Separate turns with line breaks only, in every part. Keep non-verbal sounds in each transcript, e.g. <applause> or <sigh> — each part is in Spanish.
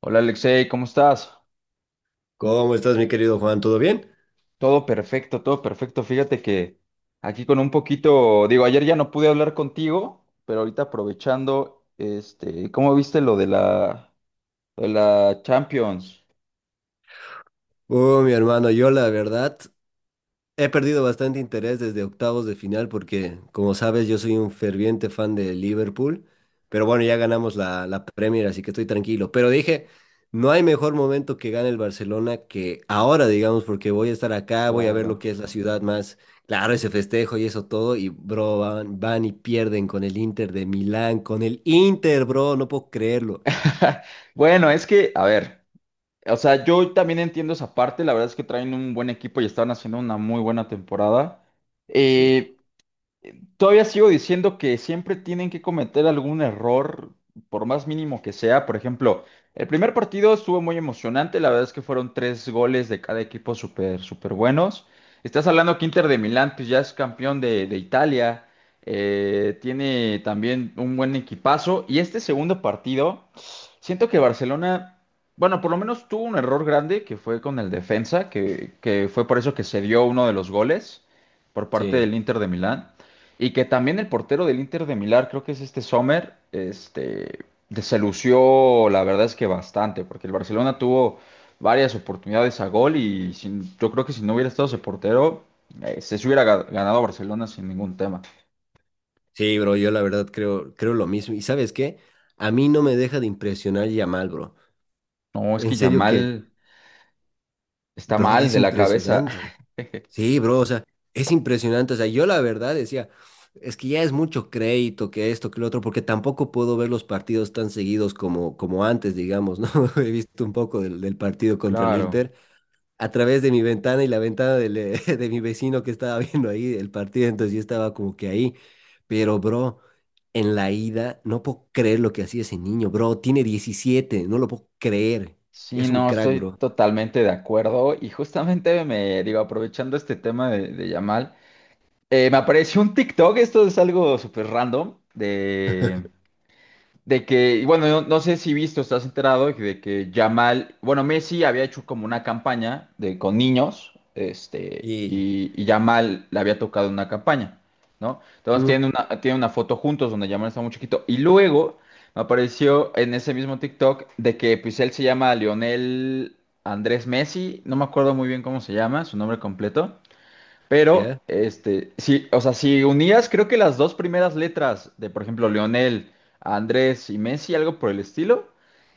Hola Alexei, ¿cómo estás?
¿Cómo estás, mi querido Juan? ¿Todo bien?
Todo perfecto, todo perfecto. Fíjate que aquí con un poquito, digo, ayer ya no pude hablar contigo, pero ahorita aprovechando, ¿cómo viste lo de la Champions?
Mi hermano, yo la verdad he perdido bastante interés desde octavos de final porque, como sabes, yo soy un ferviente fan de Liverpool, pero bueno, ya ganamos la Premier, así que estoy tranquilo. Pero dije, no hay mejor momento que gane el Barcelona que ahora, digamos, porque voy a estar acá, voy a ver lo
Claro.
que es la ciudad más, claro, ese festejo y eso todo, y bro, van y pierden con el Inter de Milán, con el Inter, bro, no puedo creerlo.
<laughs> Bueno, es que, a ver, o sea, yo también entiendo esa parte, la verdad es que traen un buen equipo y están haciendo una muy buena temporada.
Sí,
Eh, Todavía sigo diciendo que siempre tienen que cometer algún error, por más mínimo que sea. Por ejemplo, el primer partido estuvo muy emocionante. La verdad es que fueron tres goles de cada equipo súper, súper buenos. Estás hablando que Inter de Milán, pues ya es campeón de Italia. Tiene también un buen equipazo. Y este segundo partido, siento que Barcelona, bueno, por lo menos tuvo un error grande que fue con el defensa, que fue por eso que se dio uno de los goles por parte
sí.
del Inter de Milán. Y que también el portero del Inter de Milán, creo que es este Sommer, se lució, la verdad es que bastante, porque el Barcelona tuvo varias oportunidades a gol. Yo creo que si no hubiera estado ese portero, se hubiera ganado Barcelona sin ningún tema.
Sí, bro, yo la verdad creo lo mismo. ¿Y sabes qué? A mí no me deja de impresionar Yamal, bro.
No, es
En
que
serio que,
Yamal está
bro,
mal
es
de la cabeza.
impresionante.
<laughs>
Sí, bro, o sea, es impresionante. O sea, yo la verdad decía, es que ya es mucho crédito que esto, que lo otro, porque tampoco puedo ver los partidos tan seguidos como, como antes, digamos, ¿no? <laughs> He visto un poco del partido contra el
Claro.
Inter. A través de mi ventana y la ventana del, <laughs> de mi vecino que estaba viendo ahí el partido, entonces yo estaba como que ahí. Pero, bro, en la ida, no puedo creer lo que hacía ese niño, bro. Tiene 17, no lo puedo creer.
Sí,
Es un
no,
crack,
estoy
bro.
totalmente de acuerdo y justamente me digo, aprovechando este tema de Yamal. Me apareció un TikTok, esto es algo súper random, de que, y bueno, no, no sé si visto, estás enterado de que Yamal, bueno, Messi había hecho como una campaña con niños,
Y,
y Yamal le había tocado una campaña, ¿no? Entonces
¿mm?
tienen una foto juntos donde Yamal está muy chiquito. Y luego me apareció en ese mismo TikTok de que pues él se llama Lionel Andrés Messi, no me acuerdo muy bien cómo se llama, su nombre completo. Pero,
¿Ya?
sí, o sea, si unías, creo que las dos primeras letras por ejemplo, Leonel, Andrés y Messi, algo por el estilo,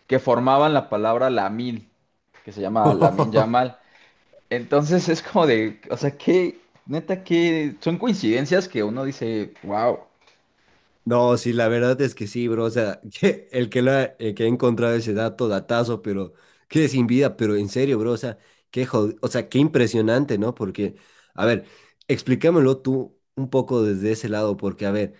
que formaban la palabra Lamin, que se llama Lamin
<laughs>
Yamal. Entonces es como de, o sea, que, neta, que son coincidencias que uno dice, wow.
No, sí, la verdad es que sí, bro. O sea, <laughs> que el que, lo ha, el que ha encontrado ese dato, datazo, pero que sin vida, pero en serio, bro. O sea, qué jod-, o sea, qué impresionante, ¿no? Porque, a ver, explícamelo tú un poco desde ese lado, porque, a ver,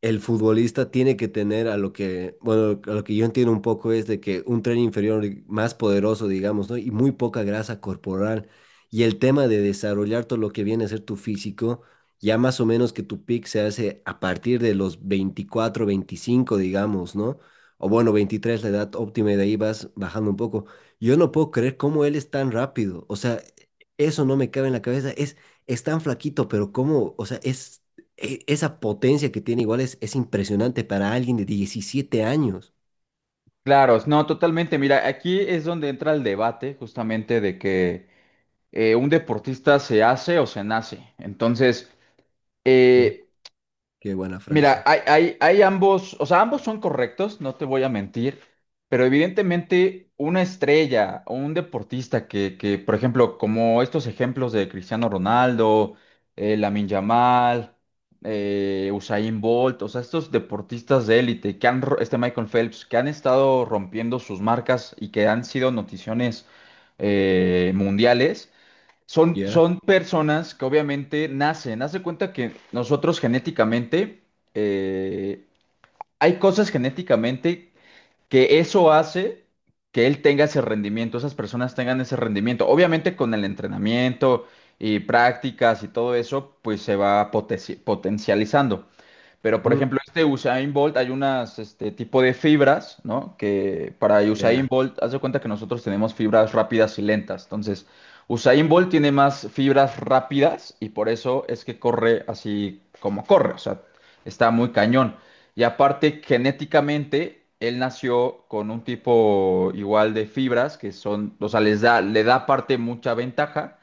el futbolista tiene que tener a lo que, bueno, a lo que yo entiendo un poco es de que un tren inferior más poderoso, digamos, ¿no? Y muy poca grasa corporal. Y el tema de desarrollar todo lo que viene a ser tu físico, ya más o menos que tu pick se hace a partir de los 24, 25 digamos, ¿no? O bueno, 23 la edad óptima, y de ahí vas bajando un poco. Yo no puedo creer cómo él es tan rápido. O sea, eso no me cabe en la cabeza. Es tan flaquito, pero cómo, o sea, es e- esa potencia que tiene igual es impresionante para alguien de 17 años.
Claro, no, totalmente. Mira, aquí es donde entra el debate justamente de que un deportista se hace o se nace.
Sí.
Eh,
Qué buena
Mira,
frase.
hay ambos, o sea, ambos son correctos, no te voy a mentir, pero evidentemente una estrella o un deportista que, por ejemplo, como estos ejemplos de Cristiano Ronaldo, Lamine Yamal, Usain Bolt, o sea, estos deportistas de élite que han, este Michael Phelps, que han estado rompiendo sus marcas y que han sido noticiones mundiales, son,
Ya.
son personas que obviamente nacen. Haz de cuenta que nosotros genéticamente, eh, hay cosas genéticamente que eso hace que él tenga ese rendimiento, esas personas tengan ese rendimiento. Obviamente con el entrenamiento y prácticas y todo eso, pues se va potencializando. Pero, por
Ujú.
ejemplo, este Usain Bolt, hay unas este tipo de fibras, ¿no? Que para Usain
Ya.
Bolt, haz de cuenta que nosotros tenemos fibras rápidas y lentas. Entonces, Usain Bolt tiene más fibras rápidas y por eso es que corre así como corre. O sea, está muy cañón. Y aparte, genéticamente, él nació con un tipo igual de fibras que son, o sea, les da, le da aparte mucha ventaja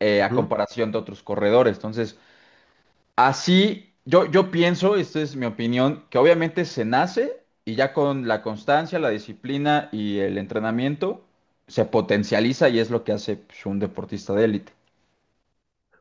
a
Ujú.
comparación de otros corredores. Entonces, así, yo pienso, esta es mi opinión, que obviamente se nace y ya con la constancia, la disciplina y el entrenamiento se potencializa y es lo que hace pues, un deportista de élite.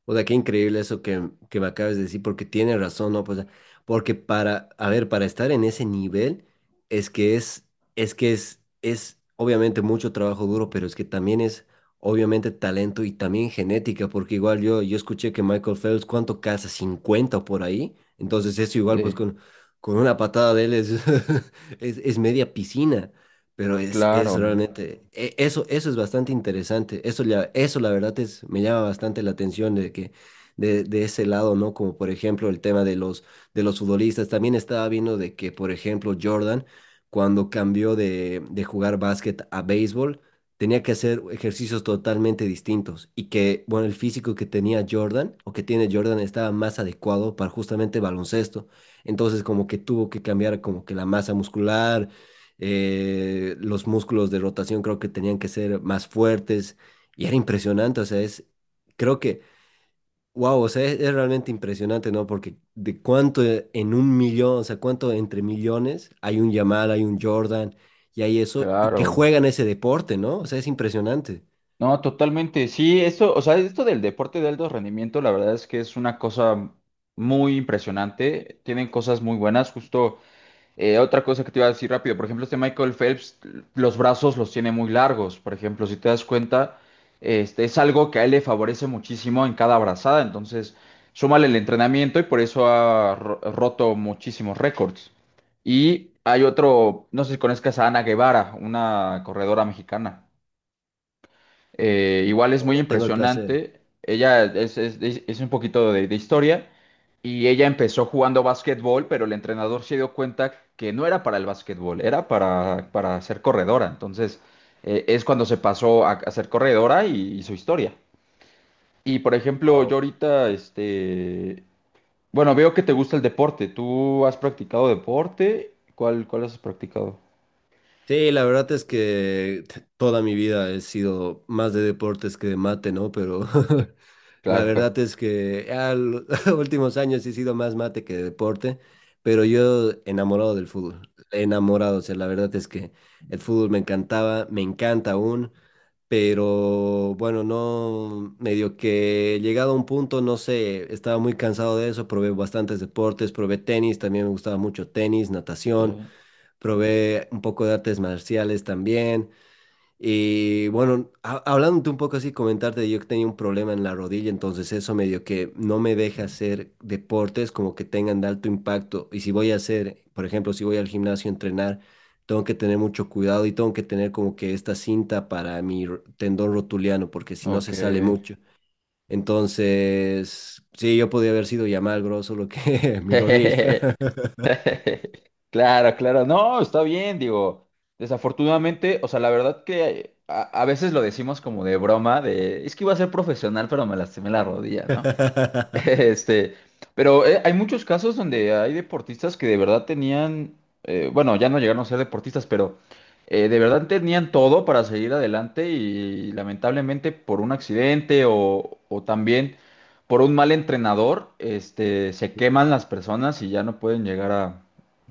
O sea, qué increíble eso que me acabas de decir, porque tiene razón, ¿no? Pues, porque para, a ver, para estar en ese nivel, es que es, es obviamente mucho trabajo duro, pero es que también es obviamente talento y también genética, porque igual yo, yo escuché que Michael Phelps, ¿cuánto caza? 50 por ahí. Entonces eso igual, pues
Sí,
con una patada de él es, <laughs> es media piscina. Pero es
claro,
realmente, e- eso es bastante interesante. Eso, ya- eso la verdad es, me llama bastante la atención de que de ese lado, ¿no? Como por ejemplo el tema de los futbolistas. También estaba viendo de que, por ejemplo, Jordan, cuando cambió de jugar básquet a béisbol, tenía que hacer ejercicios totalmente distintos. Y que, bueno, el físico que tenía Jordan o que tiene Jordan estaba más adecuado para justamente baloncesto. Entonces, como que tuvo que cambiar como que la masa muscular, los músculos de rotación creo que tenían que ser más fuertes y era impresionante, o sea, es, creo que, wow, o sea, es realmente impresionante, ¿no? Porque de cuánto en un millón, o sea, cuánto entre millones hay un Yamal, hay un Jordan y hay eso, y que
claro.
juegan ese deporte, ¿no? O sea, es impresionante.
No, totalmente. Sí, esto, o sea, esto del deporte de alto rendimiento, la verdad es que es una cosa muy impresionante. Tienen cosas muy buenas, justo. Otra cosa que te iba a decir rápido, por ejemplo, este Michael Phelps, los brazos los tiene muy largos, por ejemplo, si te das cuenta, este es algo que a él le favorece muchísimo en cada brazada, entonces súmale el entrenamiento y por eso ha roto muchísimos récords. Y hay otro, no sé si conozcas a Ana Guevara, una corredora mexicana. Igual es
No,
muy
no tengo el placer.
impresionante. Es un poquito de historia y ella empezó jugando básquetbol, pero el entrenador se dio cuenta que no era para el básquetbol, era para ser corredora. Entonces es cuando se pasó a ser corredora y su historia. Y por ejemplo, yo ahorita, bueno, veo que te gusta el deporte. ¿Tú has practicado deporte? ¿Cuál has practicado?
Sí, la verdad es que t- toda mi vida he sido más de deportes que de mate, ¿no? Pero <laughs> la
Claro.
verdad es que a los <laughs> últimos años he sido más mate que de deporte, pero yo enamorado del fútbol, enamorado, o sea, la verdad es que el fútbol me encantaba, me encanta aún, pero bueno, no, medio que llegado a un punto, no sé, estaba muy cansado de eso, probé bastantes deportes, probé tenis, también me gustaba mucho tenis, natación,
Ok.
probé un poco de artes marciales también. Y bueno, ha- hablándote un poco así, comentarte, yo que tenía un problema en la rodilla, entonces eso medio que no me deja hacer deportes como que tengan de alto impacto. Y si voy a hacer, por ejemplo, si voy al gimnasio a entrenar, tengo que tener mucho cuidado y tengo que tener como que esta cinta para mi ro- tendón rotuliano, porque si no se
Ok.
sale mucho. Entonces, sí, yo podía haber sido ya mal grosso lo
<laughs>
que <laughs> mi rodilla.
<laughs> Claro, claro, no, está bien, digo, desafortunadamente, o sea, la verdad que a veces lo decimos como de broma, de, es que iba a ser profesional, pero me lastimé la rodilla, ¿no?
<laughs>
Este, pero hay muchos casos donde hay deportistas que de verdad tenían, bueno, ya no llegaron a ser deportistas, pero de verdad tenían todo para seguir adelante y, lamentablemente por un accidente o también por un mal entrenador, se queman las personas y ya no pueden llegar a,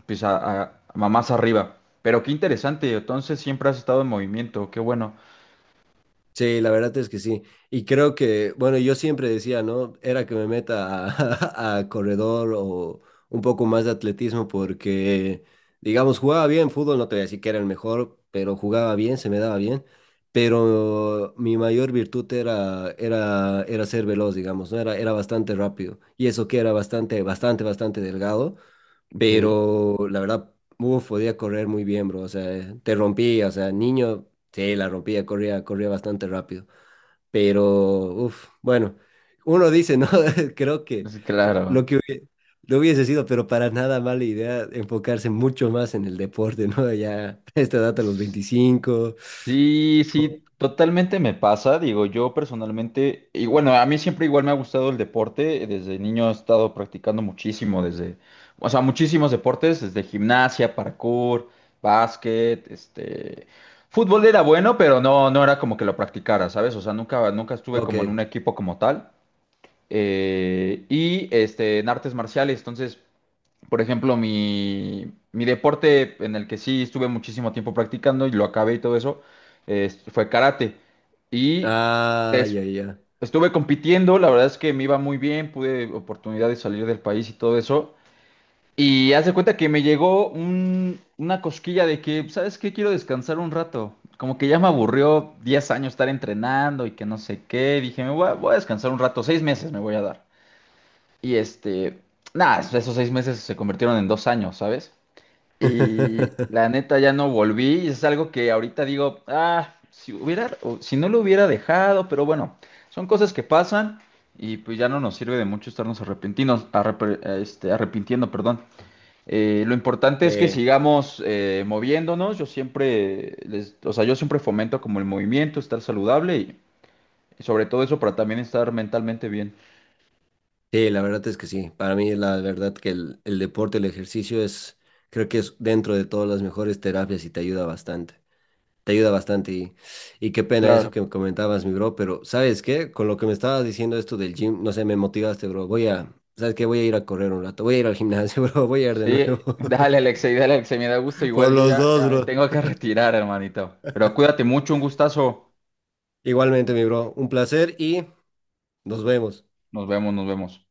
pues, a, a más arriba. Pero qué interesante, entonces siempre has estado en movimiento, qué bueno.
Sí, la verdad es que sí. Y creo que, bueno, yo siempre decía, ¿no? Era que me meta a, <laughs> a corredor o un poco más de atletismo porque, digamos, jugaba bien fútbol, no te voy a decir que era el mejor, pero jugaba bien, se me daba bien. Pero mi mayor virtud era, era ser veloz, digamos, ¿no? Era bastante rápido. Y eso que era bastante, bastante, bastante delgado.
Ok.
Pero la verdad, uf, podía correr muy bien, bro. O sea, te rompía, o sea, niño, sí, la rompía, corría, corría bastante rápido. Pero, uff, bueno, uno dice, ¿no? <laughs> Creo que
Sí,
lo
claro.
que hubie- no hubiese sido, pero para nada mala idea enfocarse mucho más en el deporte, ¿no? Ya <laughs> esta edad a los 25.
Sí, sí, totalmente me pasa. Digo, yo personalmente, y bueno, a mí siempre igual me ha gustado el deporte. Desde niño he estado practicando muchísimo, desde, o sea, muchísimos deportes, desde gimnasia, parkour, básquet, fútbol era bueno, pero no, no era como que lo practicara, ¿sabes? O sea, nunca, nunca estuve
Ok.
como en un equipo como tal. Y en artes marciales, entonces. Por ejemplo, mi deporte en el que sí estuve muchísimo tiempo practicando y lo acabé y todo eso, fue karate. Y
Ah,
des-
ya, ya.
estuve compitiendo, la verdad es que me iba muy bien, pude oportunidad de salir del país y todo eso. Y haz de cuenta que me llegó una cosquilla de que, ¿sabes qué? Quiero descansar un rato. Como que ya me aburrió 10 años estar entrenando y que no sé qué. Dije, voy a descansar un rato, 6 meses me voy a dar. Y nada, esos 6 meses se convirtieron en 2 años, ¿sabes? Y
<laughs>
la neta ya no volví y es algo que ahorita digo, ah, si hubiera, o si no lo hubiera dejado, pero bueno, son cosas que pasan y pues ya no nos sirve de mucho estarnos arrepentinos, arrepintiendo, perdón. Lo importante es que
Sí.
sigamos moviéndonos. Yo siempre, o sea, yo siempre fomento como el movimiento, estar saludable y sobre todo eso para también estar mentalmente bien.
Sí, la verdad es que sí. Para mí, la verdad que el deporte, el ejercicio es, creo que es dentro de todas las mejores terapias y te ayuda bastante. Te ayuda bastante y qué pena eso
Claro.
que comentabas, mi bro, pero ¿sabes qué? Con lo que me estabas diciendo esto del gym, no sé, me motivaste, bro. Voy a, ¿sabes qué? Voy a ir a correr un rato, voy a ir al gimnasio, <laughs> bro, voy a ir de
Sí,
nuevo.
dale, Alexei, me da gusto.
<laughs> Por
Igual yo
los
ya,
dos,
ya me
bro.
tengo que retirar, hermanito. Pero cuídate mucho, un gustazo.
Igualmente, mi bro, un placer y nos vemos.
Nos vemos, nos vemos.